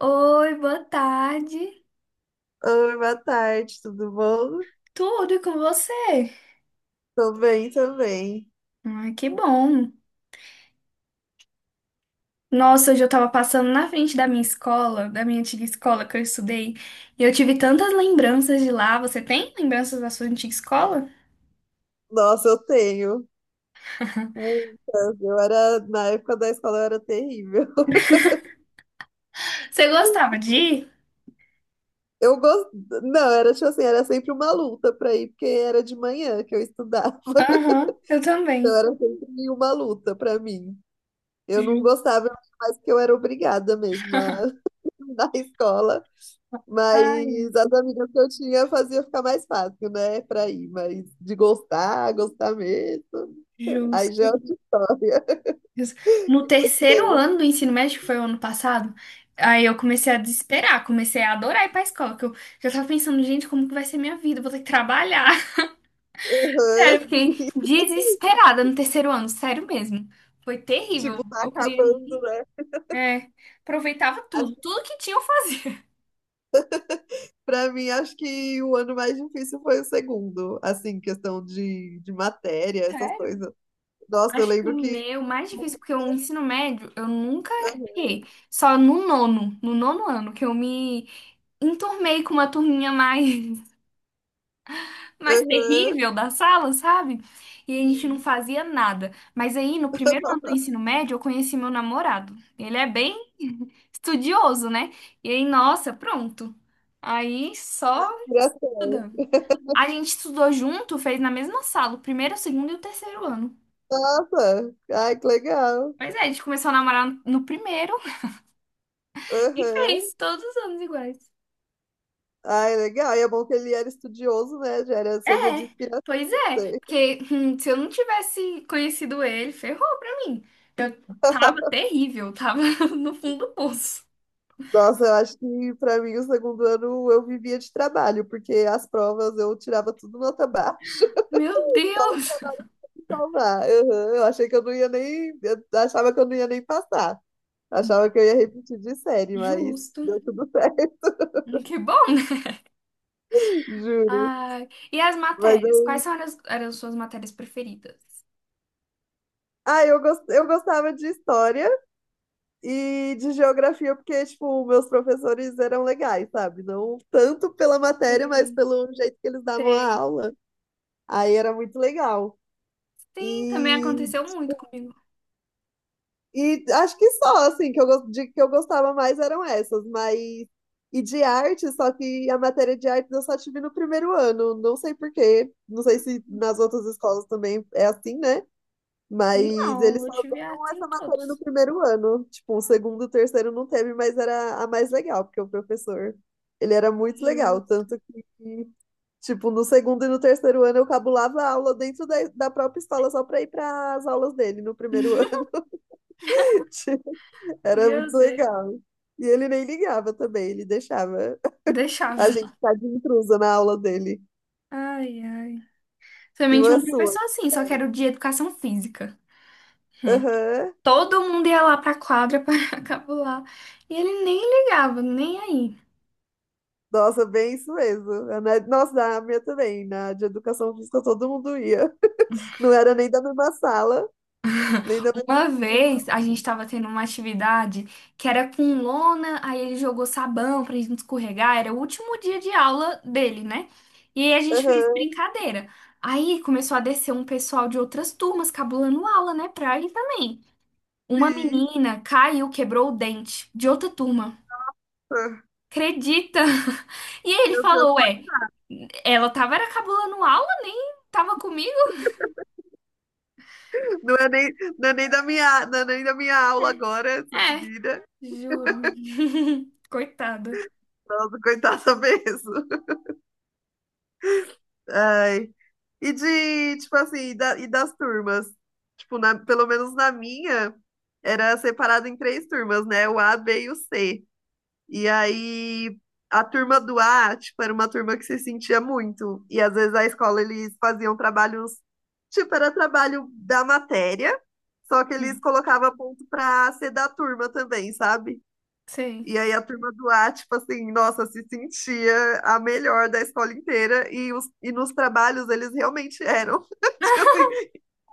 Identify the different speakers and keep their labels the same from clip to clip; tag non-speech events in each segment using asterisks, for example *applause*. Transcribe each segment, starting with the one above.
Speaker 1: Oi, boa tarde.
Speaker 2: Oi, boa tarde, tudo bom?
Speaker 1: Tudo e com você?
Speaker 2: Tô bem também.
Speaker 1: Ai, que bom. Nossa, hoje eu tava passando na frente da minha escola, da minha antiga escola que eu estudei, e eu tive tantas lembranças de lá. Você tem lembranças da sua antiga escola?
Speaker 2: Nossa, eu tenho
Speaker 1: *laughs*
Speaker 2: muitas. Eu era, na época da escola, eu era terrível. *laughs*
Speaker 1: Você gostava de ir?
Speaker 2: Eu gosto, não, era tipo assim, era sempre uma luta pra ir, porque era de manhã que eu estudava. *laughs*
Speaker 1: Aham, eu
Speaker 2: Então
Speaker 1: também.
Speaker 2: era sempre uma luta pra mim. Eu não
Speaker 1: Ju-
Speaker 2: gostava mais porque eu era obrigada mesmo a *laughs* na escola, mas
Speaker 1: Ai,
Speaker 2: as amigas que eu tinha fazia ficar mais fácil, né, pra ir, mas de gostar, gostar mesmo, aí já é
Speaker 1: justo.
Speaker 2: outra história.
Speaker 1: Justo. No terceiro
Speaker 2: Aham.
Speaker 1: ano do ensino médio, que foi o ano passado, aí eu comecei a desesperar, comecei a adorar ir pra escola, que eu já tava pensando, gente, como que vai ser minha vida? Eu vou ter que trabalhar. Sério, eu fiquei
Speaker 2: *laughs*
Speaker 1: desesperada no terceiro ano, sério mesmo. Foi terrível.
Speaker 2: Tipo, tá
Speaker 1: Eu queria
Speaker 2: acabando,
Speaker 1: ir.
Speaker 2: né?
Speaker 1: É, aproveitava tudo,
Speaker 2: Acho,
Speaker 1: tudo que tinha eu fazia.
Speaker 2: pra mim, acho que o ano mais difícil foi o segundo, assim, questão de matéria,
Speaker 1: *laughs*
Speaker 2: essas
Speaker 1: Sério?
Speaker 2: coisas. Nossa, eu
Speaker 1: Acho que o
Speaker 2: lembro que.
Speaker 1: meu mais difícil, porque o ensino médio eu nunca fiquei. Só no nono, no nono ano, que eu me enturmei com uma turminha mais. Mais
Speaker 2: Aham,
Speaker 1: terrível da sala, sabe? E a gente não
Speaker 2: sim,
Speaker 1: fazia nada. Mas aí, no primeiro ano do ensino médio, eu conheci meu namorado. Ele é bem *laughs* estudioso, né? E aí, nossa, pronto. Aí só
Speaker 2: inspiração.
Speaker 1: estudando.
Speaker 2: *laughs*
Speaker 1: A gente estudou junto, fez na mesma sala, o primeiro, o segundo e o terceiro ano.
Speaker 2: Nossa, ai, que legal.
Speaker 1: Pois é, a gente começou a namorar no primeiro *laughs* e
Speaker 2: Aham,
Speaker 1: fez todos os anos iguais.
Speaker 2: ai, legal. E é bom que ele era estudioso, né? Já era,
Speaker 1: É,
Speaker 2: servia de inspiração.
Speaker 1: pois é, porque se eu não tivesse conhecido ele, ferrou pra mim. Eu tava
Speaker 2: *laughs*
Speaker 1: terrível, tava *laughs* no fundo do poço.
Speaker 2: Nossa, eu acho que pra mim o segundo ano eu vivia de trabalho, porque as provas eu tirava tudo nota baixa.
Speaker 1: Meu
Speaker 2: *laughs*
Speaker 1: Deus!
Speaker 2: salvar. Uhum, eu achei que eu não ia nem. Eu achava que eu não ia nem passar. Achava que eu ia repetir de série, mas
Speaker 1: Justo.
Speaker 2: deu tudo certo,
Speaker 1: Que bom, né?
Speaker 2: *laughs* juro.
Speaker 1: Ai, e as
Speaker 2: Mas
Speaker 1: matérias?
Speaker 2: eu.
Speaker 1: Eram as suas matérias preferidas?
Speaker 2: Ah, eu gostava de história e de geografia, porque, tipo, meus professores eram legais, sabe? Não tanto pela matéria, mas
Speaker 1: Sei,
Speaker 2: pelo jeito que eles davam a
Speaker 1: sei.
Speaker 2: aula. Aí era muito legal.
Speaker 1: Sim, também
Speaker 2: E
Speaker 1: aconteceu muito comigo.
Speaker 2: E acho que só, assim, que eu gostava mais eram essas, mas. E de arte, só que a matéria de arte eu só tive no primeiro ano, não sei por quê, não sei se
Speaker 1: Hum.
Speaker 2: nas outras escolas também é assim, né? Mas
Speaker 1: Não,
Speaker 2: eles
Speaker 1: eu
Speaker 2: só
Speaker 1: tive
Speaker 2: deram
Speaker 1: assim em
Speaker 2: essa matéria no
Speaker 1: todos.
Speaker 2: primeiro ano, tipo, o segundo, o terceiro não teve, mas era a mais legal, porque o professor, ele era muito legal,
Speaker 1: Justo.
Speaker 2: tanto que, tipo, no segundo e no terceiro ano eu cabulava a aula dentro da própria escola só pra ir para as aulas dele no primeiro ano. *laughs* Era
Speaker 1: Meu
Speaker 2: muito
Speaker 1: Deus.
Speaker 2: legal. E ele nem ligava também, ele deixava *laughs* a
Speaker 1: Deixava.
Speaker 2: gente ficar de intrusa na aula dele.
Speaker 1: Ai, ai.
Speaker 2: E
Speaker 1: Também tinha
Speaker 2: uma
Speaker 1: um
Speaker 2: sua.
Speaker 1: professor assim, só que era o de educação física. Hum.
Speaker 2: Aham.
Speaker 1: Todo mundo ia lá pra quadra *laughs* para capular. E ele nem ligava, nem aí.
Speaker 2: Nossa, bem isso mesmo. Nossa, na minha também. Na de educação física todo mundo ia. *laughs* Não era nem da mesma sala, nem da mesma
Speaker 1: Uma
Speaker 2: turma.
Speaker 1: vez a gente tava tendo uma atividade que era com lona, aí ele jogou sabão pra gente escorregar. Era o último dia de aula dele, né? E aí a gente fez
Speaker 2: Aham,
Speaker 1: brincadeira. Aí começou a descer um pessoal de outras turmas cabulando aula, né? Pra ele também. Uma
Speaker 2: sim.
Speaker 1: menina caiu, quebrou o dente de outra turma.
Speaker 2: Ah,
Speaker 1: Acredita? *laughs* E aí ele
Speaker 2: meu
Speaker 1: falou,
Speaker 2: Deus.
Speaker 1: ué, ela tava era cabulando aula, nem tava comigo?
Speaker 2: Não é nem da minha, não é nem da minha aula agora, essa menina.
Speaker 1: Juro. *laughs* Coitada.
Speaker 2: Nossa, coitada mesmo. Ai. E de, tipo assim, e das turmas? Pelo menos na minha, era separado em três turmas, né? O A, B e o C. E aí, a turma do A, tipo, era uma turma que se sentia muito. E às vezes a escola, eles faziam trabalhos, tipo, era trabalho da matéria, só que eles
Speaker 1: Hum.
Speaker 2: colocavam ponto pra ser da turma também, sabe?
Speaker 1: Sei.
Speaker 2: E aí a turma do A, tipo assim, nossa, se sentia a melhor da escola inteira e nos trabalhos eles realmente eram. *laughs* Tinha assim,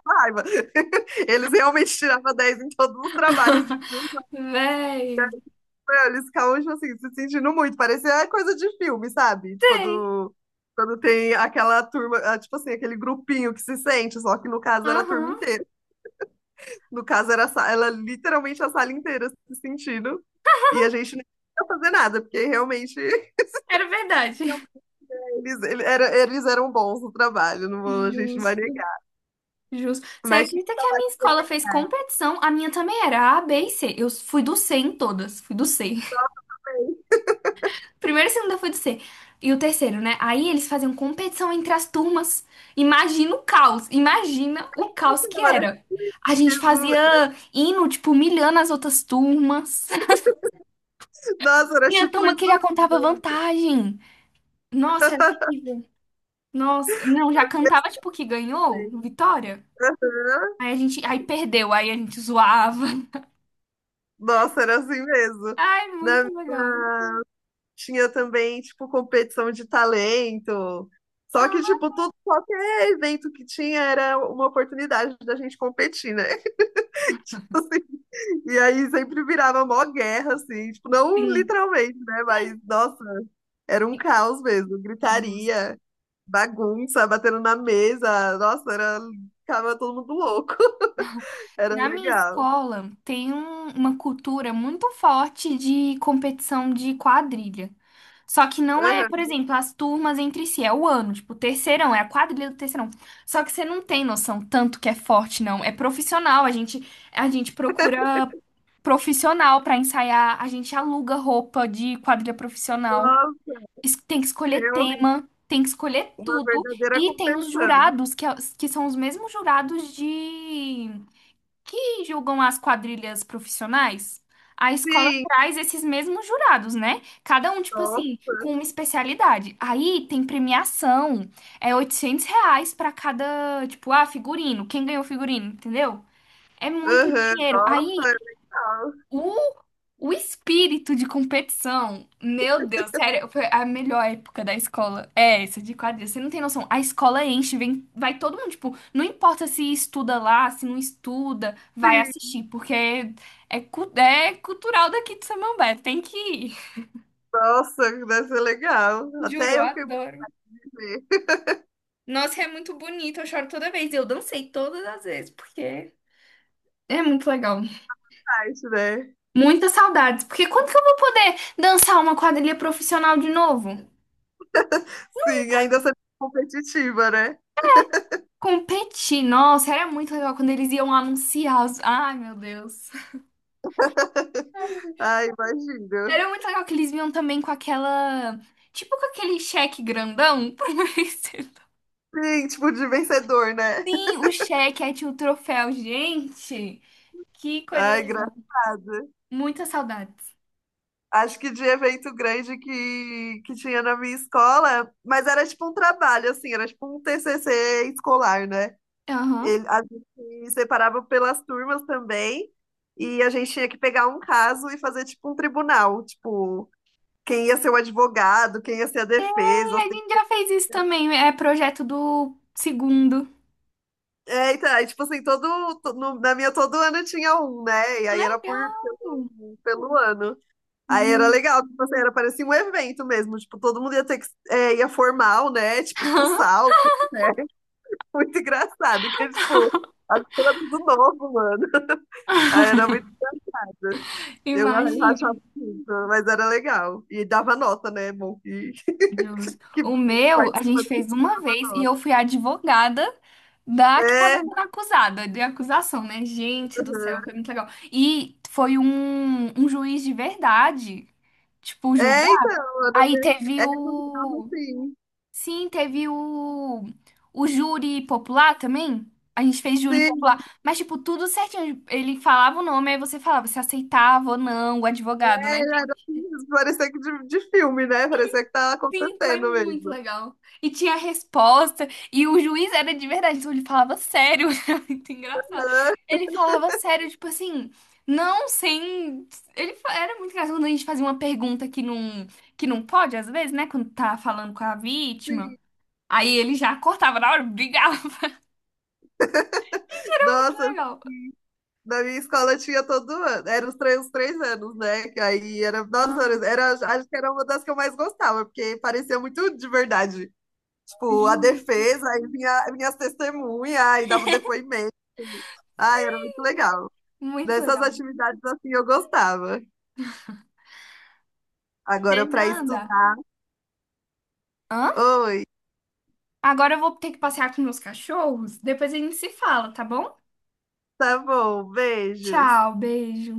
Speaker 2: raiva. *laughs* Eles realmente tiravam 10 em todos os trabalhos de filme.
Speaker 1: *laughs* Véi.
Speaker 2: Meu, eles ficavam, tipo assim, se sentindo muito. Parecia coisa de filme, sabe?
Speaker 1: Sei.
Speaker 2: Quando tem aquela turma, ah, tipo assim, aquele grupinho que se sente, só que no caso era a turma
Speaker 1: Aham.
Speaker 2: inteira. No caso ela literalmente a sala inteira se sentindo. E a gente nem ia fazer nada, porque realmente. *laughs*
Speaker 1: Era verdade.
Speaker 2: Eles eram bons no trabalho, a gente não
Speaker 1: Jus,
Speaker 2: vai negar.
Speaker 1: jus. Você
Speaker 2: Mas tinha que
Speaker 1: acredita que a minha
Speaker 2: ter
Speaker 1: escola fez
Speaker 2: verdade.
Speaker 1: competição? A minha também era A, B e C. Eu fui do C em todas. Fui do C.
Speaker 2: Mas,
Speaker 1: Primeiro e segunda foi do C. E o terceiro, né? Aí eles faziam competição entre as turmas. Imagina o caos. Imagina o caos que
Speaker 2: era
Speaker 1: era.
Speaker 2: tipo
Speaker 1: A gente
Speaker 2: isso.
Speaker 1: fazia hino, tipo, humilhando as outras turmas. *laughs*
Speaker 2: Nossa, era
Speaker 1: Tinha
Speaker 2: tipo
Speaker 1: turma
Speaker 2: isso
Speaker 1: que já contava
Speaker 2: mesmo.
Speaker 1: vantagem. Nossa, era terrível. Nossa, não,
Speaker 2: Na
Speaker 1: já
Speaker 2: minha
Speaker 1: cantava, tipo, que ganhou,
Speaker 2: frente.
Speaker 1: vitória.
Speaker 2: Aham.
Speaker 1: Aí a gente, aí perdeu, aí a gente zoava. *laughs*
Speaker 2: Nossa, era assim mesmo.
Speaker 1: Ai,
Speaker 2: Na
Speaker 1: muito legal.
Speaker 2: tinha também, tipo, competição de talento. Só que, tipo,
Speaker 1: Ah,
Speaker 2: tudo, qualquer evento que tinha era uma oportunidade da gente competir, né? *laughs* Assim, e aí sempre virava mó guerra, assim, tipo, não
Speaker 1: sim,
Speaker 2: literalmente, né? Mas, nossa, era um
Speaker 1: sim.
Speaker 2: caos mesmo,
Speaker 1: Justo.
Speaker 2: gritaria, bagunça, batendo na mesa. Nossa, era... ficava todo mundo louco. *laughs* Era
Speaker 1: Na minha
Speaker 2: legal.
Speaker 1: escola tem uma cultura muito forte de competição de quadrilha. Só que não é,
Speaker 2: Aham.
Speaker 1: por exemplo, as turmas entre si, é o ano, tipo, o terceirão, é a quadrilha do terceirão. Só que você não tem noção tanto que é forte, não. É profissional, a gente procura profissional pra ensaiar, a gente aluga roupa de quadrilha profissional,
Speaker 2: Nossa,
Speaker 1: tem que escolher
Speaker 2: realmente,
Speaker 1: tema, tem que escolher
Speaker 2: uma
Speaker 1: tudo.
Speaker 2: verdadeira
Speaker 1: E tem os
Speaker 2: competição.
Speaker 1: jurados, que são os mesmos jurados de que julgam as quadrilhas profissionais, a escola
Speaker 2: Sim,
Speaker 1: traz esses mesmos jurados, né? Cada um, tipo assim,
Speaker 2: nossa.
Speaker 1: com uma especialidade. Aí tem premiação, é R$ 800 pra cada, tipo, ah, figurino, quem ganhou figurino, entendeu? É muito
Speaker 2: Aham,
Speaker 1: dinheiro.
Speaker 2: nossa, é
Speaker 1: Aí
Speaker 2: legal.
Speaker 1: o, o espírito de competição, meu Deus, sério, foi a melhor época da escola. É essa de quadrilha. Você não tem noção. A escola enche, vem, vai todo mundo, tipo, não importa se estuda lá, se não estuda, vai
Speaker 2: Sim,
Speaker 1: assistir, porque é cultural daqui de Samambaia, tem que ir.
Speaker 2: nossa, deve ser legal.
Speaker 1: Juro, eu
Speaker 2: Até eu fiquei com vontade
Speaker 1: adoro.
Speaker 2: de ver. *laughs*
Speaker 1: Nossa, é muito bonito, eu choro toda vez. Eu dancei todas as vezes, porque é muito legal.
Speaker 2: Mas, né?
Speaker 1: Muitas saudades, porque quando que eu vou poder dançar uma quadrilha profissional de novo?
Speaker 2: Sim, ainda sendo competitiva, né?
Speaker 1: Competir, nossa, era muito legal quando eles iam anunciar os. Ai, meu Deus. Ai,
Speaker 2: *laughs* Ai, imagino.
Speaker 1: era muito legal que eles vinham também com aquela. Tipo com aquele cheque grandão pro *laughs* vencedor.
Speaker 2: Sim, tipo de vencedor, né?
Speaker 1: Sim,
Speaker 2: *laughs*
Speaker 1: o cheque, aí tinha o troféu. Gente, que coisa
Speaker 2: Ai,
Speaker 1: legal.
Speaker 2: engraçado.
Speaker 1: Muitas saudades.
Speaker 2: Acho que de evento grande que tinha na minha escola, mas era tipo um trabalho, assim, era tipo um TCC escolar, né?
Speaker 1: Aham.
Speaker 2: Ele, a gente separava pelas turmas também, e a gente tinha que pegar um caso e fazer tipo um tribunal, tipo, quem ia ser o advogado, quem ia ser a
Speaker 1: E
Speaker 2: defesa.
Speaker 1: a
Speaker 2: Assim.
Speaker 1: gente já fez isso também. É projeto do segundo.
Speaker 2: É, então, aí, tipo assim, todo, to- no- na minha todo ano tinha um, né? E aí era
Speaker 1: Legal.
Speaker 2: pelo ano. Aí era
Speaker 1: Justo.
Speaker 2: legal, tipo assim, era parecia um evento mesmo, tipo, todo mundo ia ter que, é, ia formal, né, tipo, com
Speaker 1: *laughs*
Speaker 2: salto, né, *laughs* muito engraçado, que é, tipo, as coisas do novo, mano, *laughs* aí era muito, eu rachava
Speaker 1: Imagina.
Speaker 2: muito, mas era legal, e dava nota, né, é bom, que, *laughs*
Speaker 1: Justo.
Speaker 2: que
Speaker 1: O meu, a
Speaker 2: participa
Speaker 1: gente
Speaker 2: de
Speaker 1: fez uma
Speaker 2: uma
Speaker 1: vez e
Speaker 2: nota,
Speaker 1: eu fui a advogada da que estava
Speaker 2: é,
Speaker 1: sendo acusada, de acusação, né? Gente do céu, foi
Speaker 2: aham.
Speaker 1: muito legal. E foi um juiz de verdade, tipo, julgar.
Speaker 2: É, então,
Speaker 1: Aí teve
Speaker 2: era, é, dava
Speaker 1: o.
Speaker 2: assim,
Speaker 1: Sim, teve o. O júri popular também. A gente fez júri
Speaker 2: sim,
Speaker 1: popular, mas, tipo, tudo certinho. Ele falava o nome, aí você falava se aceitava ou não, o advogado,
Speaker 2: é,
Speaker 1: né?
Speaker 2: era assim, parecia que de filme, né, parecia que tá
Speaker 1: Sim, foi
Speaker 2: acontecendo
Speaker 1: muito
Speaker 2: mesmo,
Speaker 1: legal. E tinha resposta, e o juiz era de verdade, então ele falava sério, *laughs* era muito engraçado.
Speaker 2: é,
Speaker 1: Ele falava sério, tipo assim, não sem. Era muito engraçado quando a gente fazia uma pergunta que não pode, às vezes, né? Quando tá falando com a vítima. Aí ele já cortava na hora, brigava. *laughs* Gente, era muito
Speaker 2: nossa,
Speaker 1: legal.
Speaker 2: na minha escola tinha todo ano. Era os três anos, né? Que aí era, nossa,
Speaker 1: Aham,
Speaker 2: era, acho que era uma das que eu mais gostava, porque parecia muito de verdade. Tipo, a
Speaker 1: justo.
Speaker 2: defesa, aí vinha, vinha as testemunhas, aí dava o depoimento. Ai, era muito legal.
Speaker 1: Muito
Speaker 2: Dessas
Speaker 1: legal.
Speaker 2: atividades assim eu gostava. Agora para
Speaker 1: Fernanda,
Speaker 2: estudar.
Speaker 1: hã?
Speaker 2: Oi,
Speaker 1: Agora eu vou ter que passear com meus cachorros. Depois a gente se fala, tá bom?
Speaker 2: tá bom, beijos.
Speaker 1: Tchau, beijo.